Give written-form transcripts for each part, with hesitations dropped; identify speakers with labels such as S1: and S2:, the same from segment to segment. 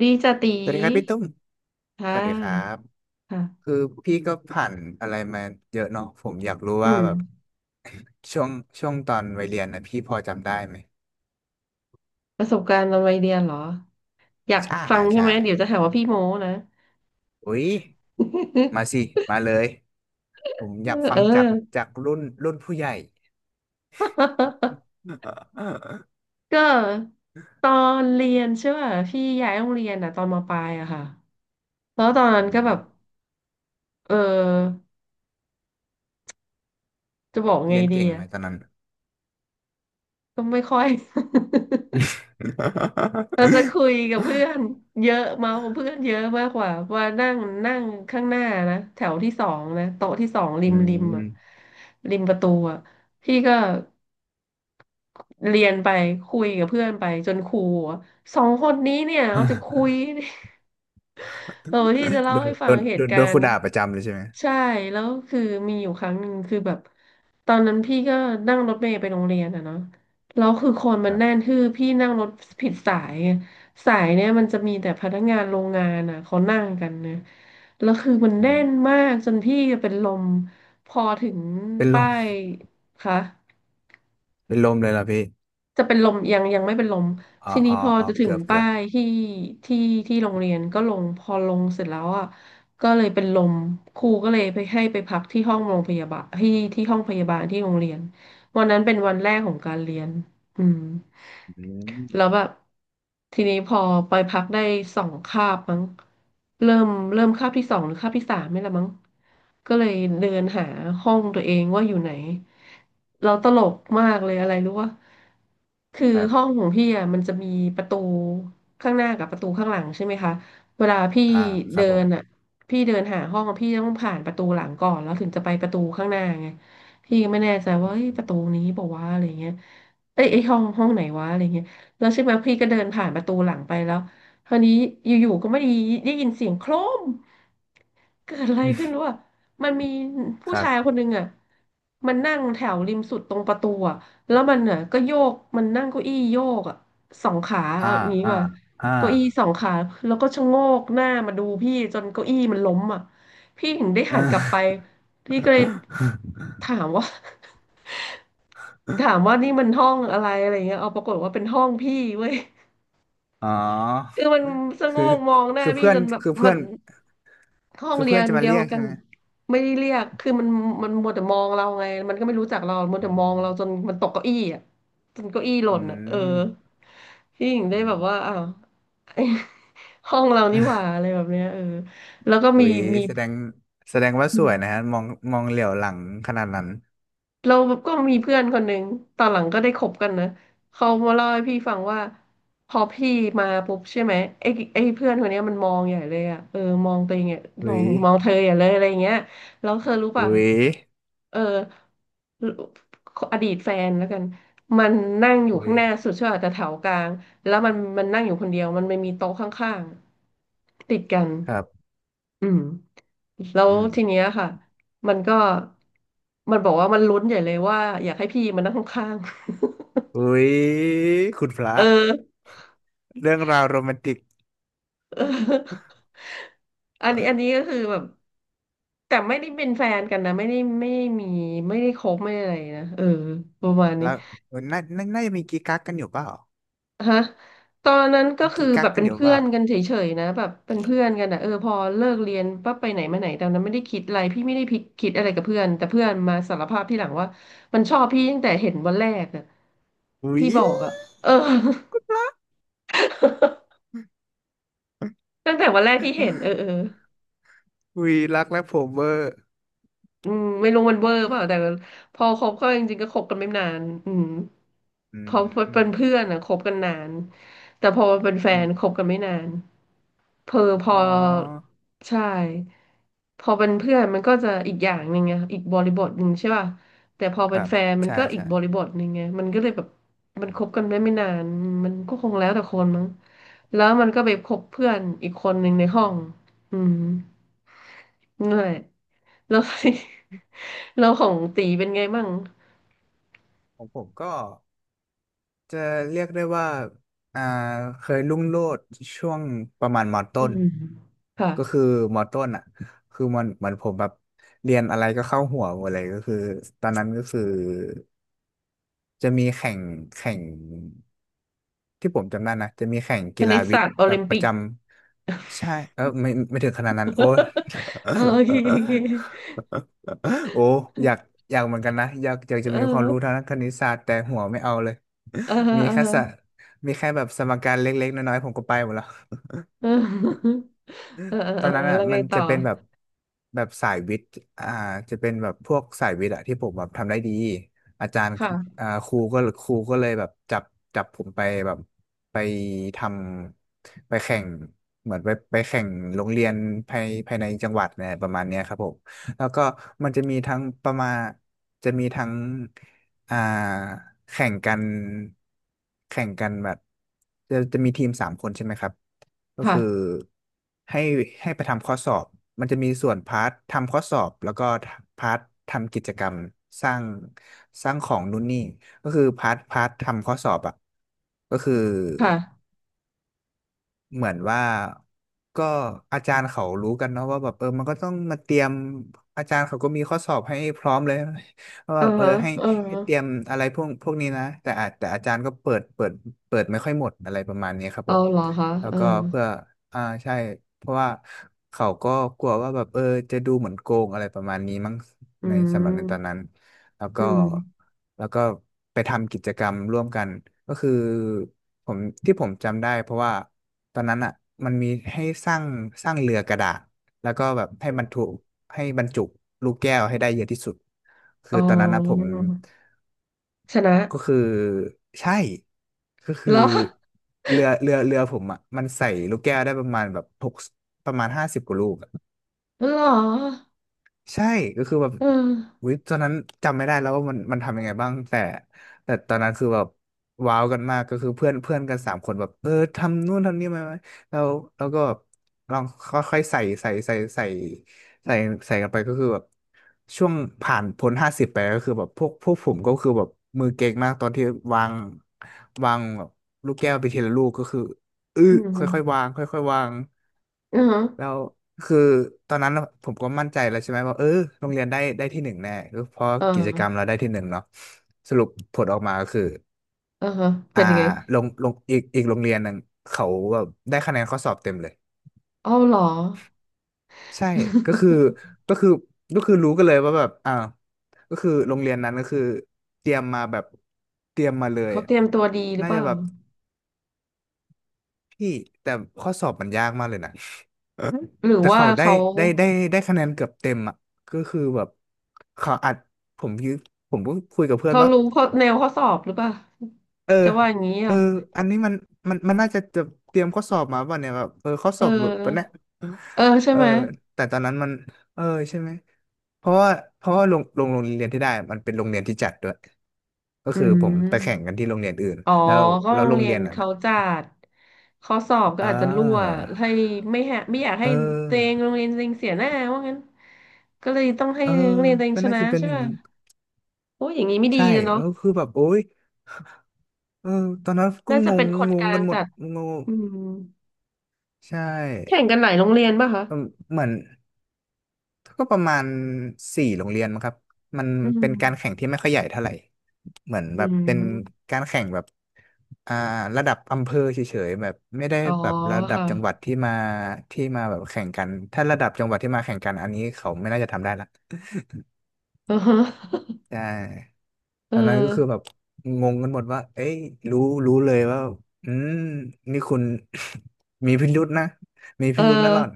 S1: ดีจะตี
S2: สวัสดีครับพี่ตุ้มส
S1: ค่ะ
S2: วัสดีครับ
S1: ค่ะ
S2: คือพี่ก็ผ่านอะไรมาเยอะเนาะผมอยากรู้
S1: อื
S2: ว่า
S1: ม
S2: แบบช่วงช่วงตอนวัยเรียนนะพี่พอจำได้ไหม
S1: ประสบการณ์ตอนวัยเรียนเหรออยาก
S2: ใช่
S1: ฟังใช่
S2: ใช่
S1: ไหมเดี๋ยวจะหาว่าพี่โม้นะ
S2: อุ๊ยมาสิ มาเลย ผมอยากฟั
S1: เอ
S2: งจาก
S1: อ
S2: จากรุ่นผู้ใหญ่
S1: ก็ตอนเรียนใช่ป่ะพี่ย้ายโรงเรียนอ่ะตอนมปลายอะค่ะแล้วตอนนั้
S2: อื
S1: นก็แบบ
S2: ม
S1: เออจะบอกไง
S2: เรียน
S1: ดี
S2: เก่งไหม
S1: อะ
S2: ตอนนั้น
S1: ก็ไม่ค่อย เราจะคุยกับเพื่อนเยอะเมากเพื่อนเยอะมากกว่าว่านั่งนั่งข้างหน้านะแถวที่สองนะโต๊ะที่สอง ริ
S2: อื
S1: มริม
S2: ม
S1: อะริมประตูอะพี่ก็เรียนไปคุยกับเพื่อนไปจนครูอะสองคนนี้เนี่ยเอาจะคุย เออที่จะเล่า
S2: โด
S1: ให้
S2: น
S1: ฟั
S2: โด
S1: ง
S2: น
S1: เห
S2: โด
S1: ตุ
S2: น
S1: กา
S2: โดนค
S1: ร
S2: รู
S1: ณ์
S2: ด่าประจำเลยใช่ไหม
S1: ใช่แล้วคือมีอยู่ครั้งหนึ่งคือแบบตอนนั้นพี่ก็นั่งรถเมล์ไปโรงเรียนอะเนาะแล้วคือคนมั
S2: ค
S1: น
S2: รั
S1: แน่น
S2: บ
S1: คือพี่นั่งรถผิดสายไงสายเนี่ยมันจะมีแต่พนักงานโรงงานอะเขานั่งกันนะแล้วคือมัน
S2: อื
S1: แน่
S2: ม
S1: นมากจนพี่เป็นลมพอถึง
S2: เป็นล
S1: ป้า
S2: ม
S1: ยค่ะ
S2: เป็นลมเลยเหรอพี่
S1: จะเป็นลมยังไม่เป็นลม
S2: อ๋อ
S1: ทีนี้
S2: อ๋อ
S1: พอ
S2: อ๋อ
S1: จะถึง
S2: เกือบเกื
S1: ป้า
S2: อบ
S1: ยที่ที่โรงเรียนก็ลงพอลงเสร็จแล้วอ่ะก็เลยเป็นลมครูก็เลยไปให้ไปพักที่ห้องโรงพยาบาลที่ห้องพยาบาลที่โรงเรียนวันนั้นเป็นวันแรกของการเรียนอืม
S2: อื
S1: แล้ว
S2: ม
S1: แบบทีนี้พอไปพักได้สองคาบมั้งเริ่มเริ่มคาบที่สองหรือคาบที่สามนี่แหละมั้งก็เลยเดินหาห้องตัวเองว่าอยู่ไหนเราตลกมากเลยอะไรรู้ว่าคือ
S2: ครั
S1: ห้อ
S2: บ
S1: งของพี่อ่ะมันจะมีประตูข้างหน้ากับประตูข้างหลังใช่ไหมคะเวลาพี่
S2: อ่าค
S1: เดิ
S2: รับผ
S1: น
S2: ม
S1: อ่ะพี่เดินหาห้องอะพี่ต้องผ่านประตูหลังก่อนแล้วถึงจะไปประตูข้างหน้าไงพี่ก็ไม่แน่ใจว่าเอ้ยประตูนี้บอกว่าวะอะไรเงี้ยเอ้ยไอ้ห้องไหนวะอะไรเงี้ย แล้วใช่ไหมพี่ก็เดินผ่านประตูหลังไปแล้วคราวนี้อยู่ๆก็ไม่ได้ได้ยินเสียงโครมเกิดอะไรขึ้นรู้ป่ะมันมี
S2: ค
S1: ผู้
S2: รั
S1: ชาย
S2: บ
S1: คนหนึ่งอ่ะมันนั่งแถวริมสุดตรงประตูอ่ะแล้วมันอ่ะก็โยกมันนั่งเก้าอี้โยกอ่ะสองขา
S2: อ่า
S1: เอาอย่างนี้
S2: อ่า
S1: ป่ะ
S2: อ่า
S1: เก้าอี้สอง ขาแล้วก็ชะโงกหน้ามาดูพี่จนเก้าอี้มันล้มอ่ะพี่ถึงได้หั
S2: อ่า
S1: นกลับไปพี่ก็เลยถามว่า ถามว่านี่มันห้องอะไรอะไรเงี้ยเอาปรากฏว่าเป็นห้องพี่เว้ย
S2: อ๋อ
S1: คือมันสะโง
S2: คือ
S1: กมองหน้า
S2: คือ
S1: พี่
S2: เพื่อ
S1: จ
S2: น
S1: นแบบ
S2: คือเพื่
S1: มั
S2: อ
S1: น
S2: น
S1: ห้อง
S2: คือ
S1: เรี
S2: เพื่
S1: ย
S2: อน
S1: น
S2: จะมา
S1: เดีย
S2: เรี
S1: ว
S2: ยก
S1: กั
S2: ใช่
S1: น
S2: ไหม
S1: ไม่ได้เรียกคือมันมัวแต่มองเราไงมันก็ไม่รู้จักเรามัว
S2: อื
S1: แต่มองเราจน
S2: ม
S1: มันตกเก้าอี้อ่ะจนเก้าอี้หล่
S2: อื
S1: นอ่ะเออ
S2: ม
S1: พี่หญิงได้
S2: อื
S1: แบบ
S2: ม
S1: ว่าอ้าว ไอ้ห้องเรานี่หว่าอะไรแบบเนี้ยเออแล้วก็
S2: อุ๊
S1: มี
S2: ย
S1: มี
S2: แสดงแสดงว่าสวยนะฮะมองมองเหลียวหลังขนาดนั้น
S1: เราก็มีเพื่อนคนหนึ่งตอนหลังก็ได้คบกันนะ เขามาเล่าให้พี่ฟังว่าพอพี่มาปุ๊บใช่ไหมไอ้ไอ้เพื่อนคนเนี้ยมันมองใหญ่เลยอ่ะ เออมองตัวเองเนี่ยม
S2: อุ๊
S1: อง
S2: ย
S1: มองเธอใหญ่เลยอะไรอย่างเงี้ยแล้วเธอรู้
S2: อุ๊
S1: ป่ะ
S2: ย
S1: เอออดีตแฟนแล้วกัน มันนั่งอยู่
S2: อุ๊
S1: ข้า
S2: ย
S1: งหน้าสุดใช่ป่ะแต่แถวกลางแล้วมันนั่งอยู่คนเดียว มันไม่มีโต๊ะข้างๆติดกัน
S2: ครับ
S1: อืม แล้ว
S2: อืม
S1: ทีเนี้ยค่ะ มันก็ มันบอกว่ามันลุ้นใหญ่เลยว่าอยากให้พี่มานั่งข้าง
S2: อุ๊ยคุณ
S1: ๆ
S2: พ ระ
S1: เออ
S2: เรื่องราวโรแมนติก
S1: เอออันนี้อันนี้ก็คือแบบแต่ไม่ได้เป็นแฟนกันนะไม่ได้มีไม่ได้คบไม่ได้อะไรนะเออประมาณนี้
S2: แล้วน่าจะมีกิ๊กกักกันอยู่เปล่า
S1: ฮะตอนนั้นก็คือ
S2: กิ๊กั
S1: แบ
S2: ก
S1: บ
S2: กั
S1: เป็
S2: น
S1: น
S2: อยู่
S1: เพื่อ
S2: า
S1: นกันเฉยๆนะแบบเป็นเพื่อนกันอ่ะเออพอเลิกเรียนปั๊บไปไหนมาไหนตอนนั้นไม่ได้คิดอะไรพี่ไม่ได้พิคิดอะไรกับเพื่อนแต่เพื่อนมาสารภาพที่หลังว่ามันชอบพี่ตั้งแต่เห็นวันแรกอะ
S2: ปุ่าวิ
S1: ที่บอกอะเออ ตั้งแต่วันแรกที่เห็นเออเออ
S2: วิรักและผมเวอร์
S1: อืมไม่รู้มันเวอร์เปล่าแต่พอคบก็จริงๆก็คบกันไม่นานอืม
S2: อื
S1: พอเป็น
S2: ม
S1: เพื่อนอะคบกันนาน แต่พอเป็นแฟ
S2: อื
S1: นคบ
S2: ม
S1: กันไม่นาน เพอพ
S2: อ๋
S1: อ
S2: อ
S1: ใช่พอเป็นเพื่อนมันก็จะอีกอย่างหนึ่งไงอีกบริบทหนึ่งใช่ป่ะแต่พอ
S2: ค
S1: เป็น
S2: รับ
S1: แฟนมัน
S2: ใช่
S1: ก็อีก
S2: ใช่
S1: บริบทหนึ่งไงมันก็เลยแบบมัน
S2: อื
S1: คบกั
S2: ม
S1: นได้ไม่นานมันก็คงแล้วแต่คนมั้งแล้วมันก็ไปคบเพื่อนอีกคนหนึ่งในห้องอืมนั่นแหละแล้ว เรา ของตีเป็นไงบ้าง
S2: ของผมก็จะเรียกได้ว่าอ่าเคยรุ่งโรจน์ช่วงประมาณม
S1: อื
S2: ต้น
S1: มค่ะ
S2: ก็คือมต้นอ่ะคือมันเหมือนผมแบบเรียนอะไรก็เข้าหัวหมดเลยก็คือตอนนั้นก็คือจะมีแข่ง ที่ผมจำได้นะจะมีแข่ง
S1: ค
S2: กี
S1: ณิ
S2: ฬา
S1: ต
S2: วิท
S1: ศาสต
S2: ย์
S1: ร์โอ
S2: แบ
S1: ลิ
S2: บ
S1: ม
S2: ประ
S1: ปิก
S2: จำใช่เออไม่ถึงขนาดนั้นโอ้
S1: เออ โอเคโอเคโอเค
S2: โอ้อยากอยากเหมือนกันนะอยากอยาก
S1: เ
S2: จะมีความรู้
S1: ออ
S2: ทางด้านคณิตศาสตร์แต่หัวไม่เอาเลย
S1: เออเอ
S2: มีแค่สะ
S1: อ
S2: มีแค่แบบสมการเล็กๆน้อยๆผมก็ไปหมดแล้ว
S1: เออ เออเออ
S2: ตอ
S1: เอ
S2: น
S1: อ
S2: นั้นอ่ะ
S1: แล้วไง
S2: มัน
S1: ต่
S2: จะ
S1: อ
S2: เป็นแบบสายวิทย์อ่าจะเป็นแบบพวกสายวิทย์อ่ะที่ผมแบบทำได้ดีอาจารย์
S1: ค่ะ
S2: อ่าครูก็เลยแบบจับจับผมไปแบบไปทำไปแข่งเหมือนไปแข่งโรงเรียนภายในจังหวัดเนี่ยประมาณเนี้ยครับผมแล้วก็มันจะมีทั้งประมาณจะมีทั้ง อ่าแข่งกันแข่งกันแบบจะมีทีมสามคนใช่ไหมครับก็คือ
S1: ค่ะ
S2: ให้ให้ไปทำข้อสอบมันจะมีส่วนพาร์ททำข้อสอบแล้วก็พาร์ททำกิจกรรมสร้างสร้างของนู่นนี่ก็คือพาร์ททำข้อสอบอ่ะก็คือ
S1: ค่ะ
S2: เหมือนว่าก็อาจารย์เขารู้กันเนาะว่าแบบเออมันก็ต้องมาเตรียมอาจารย์เขาก็มีข้อสอบให้พร้อมเลย ว่า
S1: เอ
S2: แบ
S1: อ
S2: บเออ
S1: ฮะ
S2: ให้
S1: เออ
S2: ให้
S1: ฮะ
S2: เตรียมอะไรพวกพวกนี้นะแต่อาจารย์ก็เปิดไม่ค่อยหมดอะไรประมาณนี้ครับผ
S1: เอา
S2: ม
S1: เหรอคะ
S2: แล้ว
S1: เออ
S2: ก็เพื่ออ่าใช่เพราะว่าเขาก็กลัวว่าแบบเออจะดูเหมือนโกงอะไรประมาณนี้มั้ง
S1: อื
S2: ในสำหรับในตอนนั้
S1: ม
S2: นแล้ว
S1: อื
S2: ก็
S1: ม
S2: แล้วก็ไปทำกิจกรรมร่วมกันก็คือผมที่ผมจำได้เพราะว่าตอนนั้นอ่ะมันมีให้สร้างสร้างเรือกระดาษแล้วก็แบบให้บรรทุกให้บรรจุลูกแก้วให้ได้เยอะที่สุดคื
S1: อ๋
S2: อตอนนั้นนะผม
S1: อชนะ
S2: ก็คือใช่ก็คื
S1: เห
S2: อ
S1: รอ
S2: เรือผมอ่ะมันใส่ลูกแก้วได้ประมาณแบบประมาณห้าสิบกว่าลูก
S1: เหรอ
S2: ใช่ก็คือแบบ
S1: เออ
S2: วิตอนนั้นจำไม่ได้แล้วว่ามันทำยังไงบ้างแต่แต่ตอนนั้นคือแบบว้าวกันมากก็คือเพื่อนเพื่อนกันสามคนแบบเออทำนู่นทำนี่มาไหมแล้วแล้วก็แบบลองค่อยๆใส่ใส่กันไปก็คือแบบช่วงผ่านพ้นห้าสิบไปก็คือแบบพวกผมก็คือแบบมือเก่งมากตอนที่วางวางแบบลูกแก้วไปทีละลูกก็คืออื้อ
S1: อื
S2: ค่อยๆ
S1: ม
S2: วางค่อยๆวาง
S1: อืม
S2: แล้วคือตอนนั้นผมก็มั่นใจแล้วใช่ไหมว่าเออโรงเรียนได้ที่หนึ่งแน่ก็เพราะ
S1: เอ
S2: กิจกรรมเรา
S1: อ
S2: ได้ที่หนึ่งเนาะสรุปผลออกมาก็คือ
S1: เออฮะเป็
S2: อ่า
S1: นยังไง
S2: ลงอีกโรงเรียนหนึ่งเขาแบบได้คะแนนข้อสอบเต็มเลย
S1: เอาเหรอ
S2: ใช่ก็คือ ก็คือก็คือรู้กันเลยว่าแบบอ่าวก็คือโรงเรียนนั้นก็คือเตรียมมาแบบเตรียมมาเลย
S1: เขา
S2: อะ
S1: เตรียมตัวดีหรือ
S2: น่า
S1: เป
S2: จะ
S1: ล่า
S2: แบบพี่แต่ข้อสอบมันยากมากเลยนะ
S1: หรือ
S2: แต่
S1: ว่า
S2: เขาได้
S1: เขา
S2: ได้ได้ได้คะแนนเกือบเต็มอ่ะก็คือแบบเขาอัดผมยืผมก็คุยกับเพื่อน
S1: เขา
S2: ว่า
S1: รู้เขาแนวข้อสอบหรือเปล่า
S2: เออ
S1: จะว่าอย่างนี้
S2: เออ
S1: อ่ะ
S2: อันนี้มันน่าจะเตรียมข้อสอบมาป่ะเนี่ยแบบเออข้อ
S1: เอ
S2: สอบหลุดป่ะเนี่ย
S1: อเออใช่
S2: เออ
S1: ไหม
S2: แต่ตอนนั้นมันเออใช่ไหมเพราะว่าโรงเรียนที่ได้มันเป็นโรงเรียนที่จัดด้วยก็
S1: อื
S2: คือ
S1: ม
S2: ผมไปแข่งกันที่โรงเรียนอื่น
S1: อ๋อ
S2: แล้ว
S1: ก็
S2: แล้
S1: โร
S2: ว
S1: ง
S2: โรง
S1: เรีย
S2: เรี
S1: น
S2: ยนนั้น
S1: เขา
S2: อ่ะ
S1: จัดข้อสอบก็
S2: เ
S1: อาจจะรั่ว
S2: ออ
S1: ให้ไม่แฮะไม่อยาก
S2: เ
S1: ให้ตัวเอง
S2: ออ
S1: โรงเรียนตัวเองเสียหน้าว่างั้นก็เลยต้องให้
S2: เออ
S1: โรงเรียนตัวเอง
S2: ก็
S1: ช
S2: น่า
S1: นะ
S2: จะเป็น
S1: ใช่
S2: อย่าง
S1: ป่ะ
S2: นั้น
S1: โอ้ยอย่างนี้ไม่ดี
S2: ใช่
S1: นะเนาะ
S2: แล้วคือแบบโอ๊ย เออตอนนั้นก็
S1: น่าจะ
S2: ง
S1: เป็
S2: ง
S1: นคน
S2: ง
S1: ก
S2: ง
S1: ลา
S2: กั
S1: ง
S2: นหม
S1: จั
S2: ด
S1: ด
S2: งง
S1: อืม
S2: ใช
S1: แข่ง
S2: ่
S1: กันหลายโรงเรียนป่ะคะ
S2: ประเหมือนก็ประมาณสี่โรงเรียนมั้งครับมัน
S1: อื
S2: เป็นการแข่ง
S1: ม
S2: ที่ไม่ค่อยใหญ่เท่าไหร่เหมือน
S1: อื
S2: แบบเป็น
S1: ม
S2: การแข่งแบบอ่าระดับอำเภอเฉยๆแบบไม่ได้
S1: อ๋อ
S2: แบบระดับ
S1: ค่ะ
S2: จังหวัดที่มาแบบแข่งกันถ้าระดับจังหวัดที่มาแข่งกันอันนี้เขาไม่น่าจะทำได้ละ
S1: อือฮะ
S2: ใช่
S1: เอ
S2: ตอนนั้นก็
S1: อ
S2: คือแบบงงกันหมดว่าเอ้ยรู้รู้เลยว่าอืมนี่คุณ มีพิรุธนะมี
S1: เออ
S2: พิรุธนะหล่อน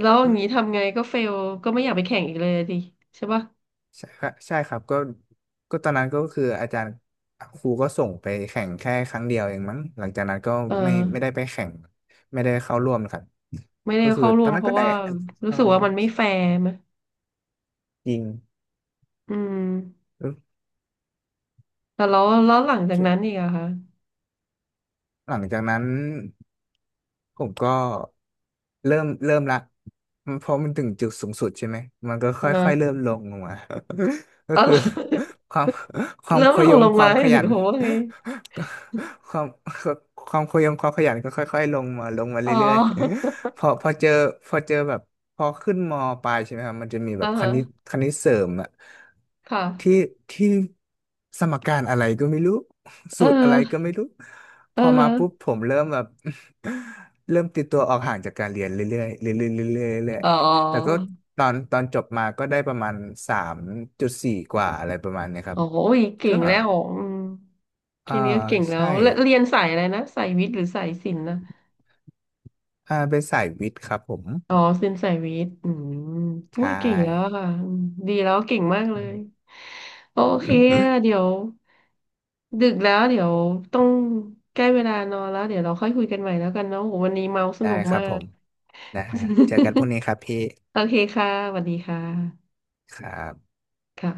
S1: แล้วอย่างนี้ทำไงก็เฟลก็ไม่อยากไปแข่งอีกเลยดิใช่ป่ะ
S2: ใช่ครับใช่ครับก็ตอนนั้นก็คืออาจารย์ครูก็ส่งไปแข่งแค่ครั้งเดียวเองมั้งหลังจากนั้นก็
S1: เอ
S2: ไม่ได้
S1: อ
S2: ไปแข่งไม่ได้เข้าร่วมครับ
S1: ไม่ได้
S2: ก็คือ
S1: เข้า
S2: ต
S1: ร่
S2: อ
S1: ว
S2: น
S1: ม
S2: นั้
S1: เพ
S2: นก็
S1: ราะ
S2: ได้
S1: ว่ารู้
S2: เอ่อ
S1: สึกว่ามันไม่แฟร์ไหม
S2: จริง
S1: อืมแต่แล้วแล้วหลังจากนั้นอีกอะคะ
S2: หลังจากนั้นผมก็เริ่มละเพราะมันถึงจุดสูงสุดใช่ไหมมันก็ค่อยๆเริ่
S1: อ่า
S2: มลงมา ก็
S1: อ๋อ
S2: คือ ความความ
S1: เริ่ม
S2: ข
S1: ล
S2: ย
S1: ง
S2: ง
S1: ลง
S2: ควา
S1: ไมา
S2: มข
S1: หรื
S2: ยั
S1: อ
S2: น
S1: เคาวไง
S2: ก็ความความขยงความขยันก็ค่อยๆลงมาลงมา
S1: อ๋อ
S2: เรื่อยๆ พอเจอแบบพอขึ้นมปลายใช่ไหมครับมันจะมีแบ
S1: อ่า
S2: บค
S1: ฮะ
S2: ณิตคณิตเสริมอะ
S1: ค่ะ
S2: ที่ที่สมการอะไรก็ไม่รู้
S1: เอ
S2: สูตรอะไรก็
S1: อ
S2: ไม่รู้ พ
S1: เอ
S2: อมาปุ๊บ
S1: อ
S2: ผมเริ่มแบบ เริ่มติดตัวออกห่างจากการเรียนเรื่อยๆเรื่อยๆเรื่อยๆเรื่อย
S1: อ๋อ
S2: ๆแต่ก็ตอนจบมาก็ได้ประมาณ3.4กว่าอะไรประมาณเนี้ยครั
S1: โอ้
S2: บ
S1: ยเก่
S2: ก็
S1: งแล้วอืม
S2: เอ
S1: แค่
S2: อ
S1: นี้ก็เก่งแล้ว
S2: ใช่
S1: แล้วเรียนสายอะไรนะสายวิทย์หรือสายศิลป์นะ
S2: อ่าเป็นสายวิทย์ครับผม
S1: อ๋อศิลป์สายวิทย์อืม
S2: ใช
S1: อุ้ยเก่งแล้วอะ
S2: ่
S1: ค่ะอืมดีแล้วเก่งมากเลยโอเคเดี๋ยว ดึกแล้วเดี๋ยวต้องใกล้เวลานอนแล้วเดี๋ยวเราค่อยคุยกันใหม่แล้วกันเนาะโหวันนี้เมาส
S2: ได้
S1: นุก
S2: ครั
S1: มา
S2: บผ
S1: ก
S2: มนะฮะเจอกันพรุ่งนี้ครับพี่
S1: โอเคค่ะสวัสดีค่ะ
S2: ครับ
S1: ค่ะ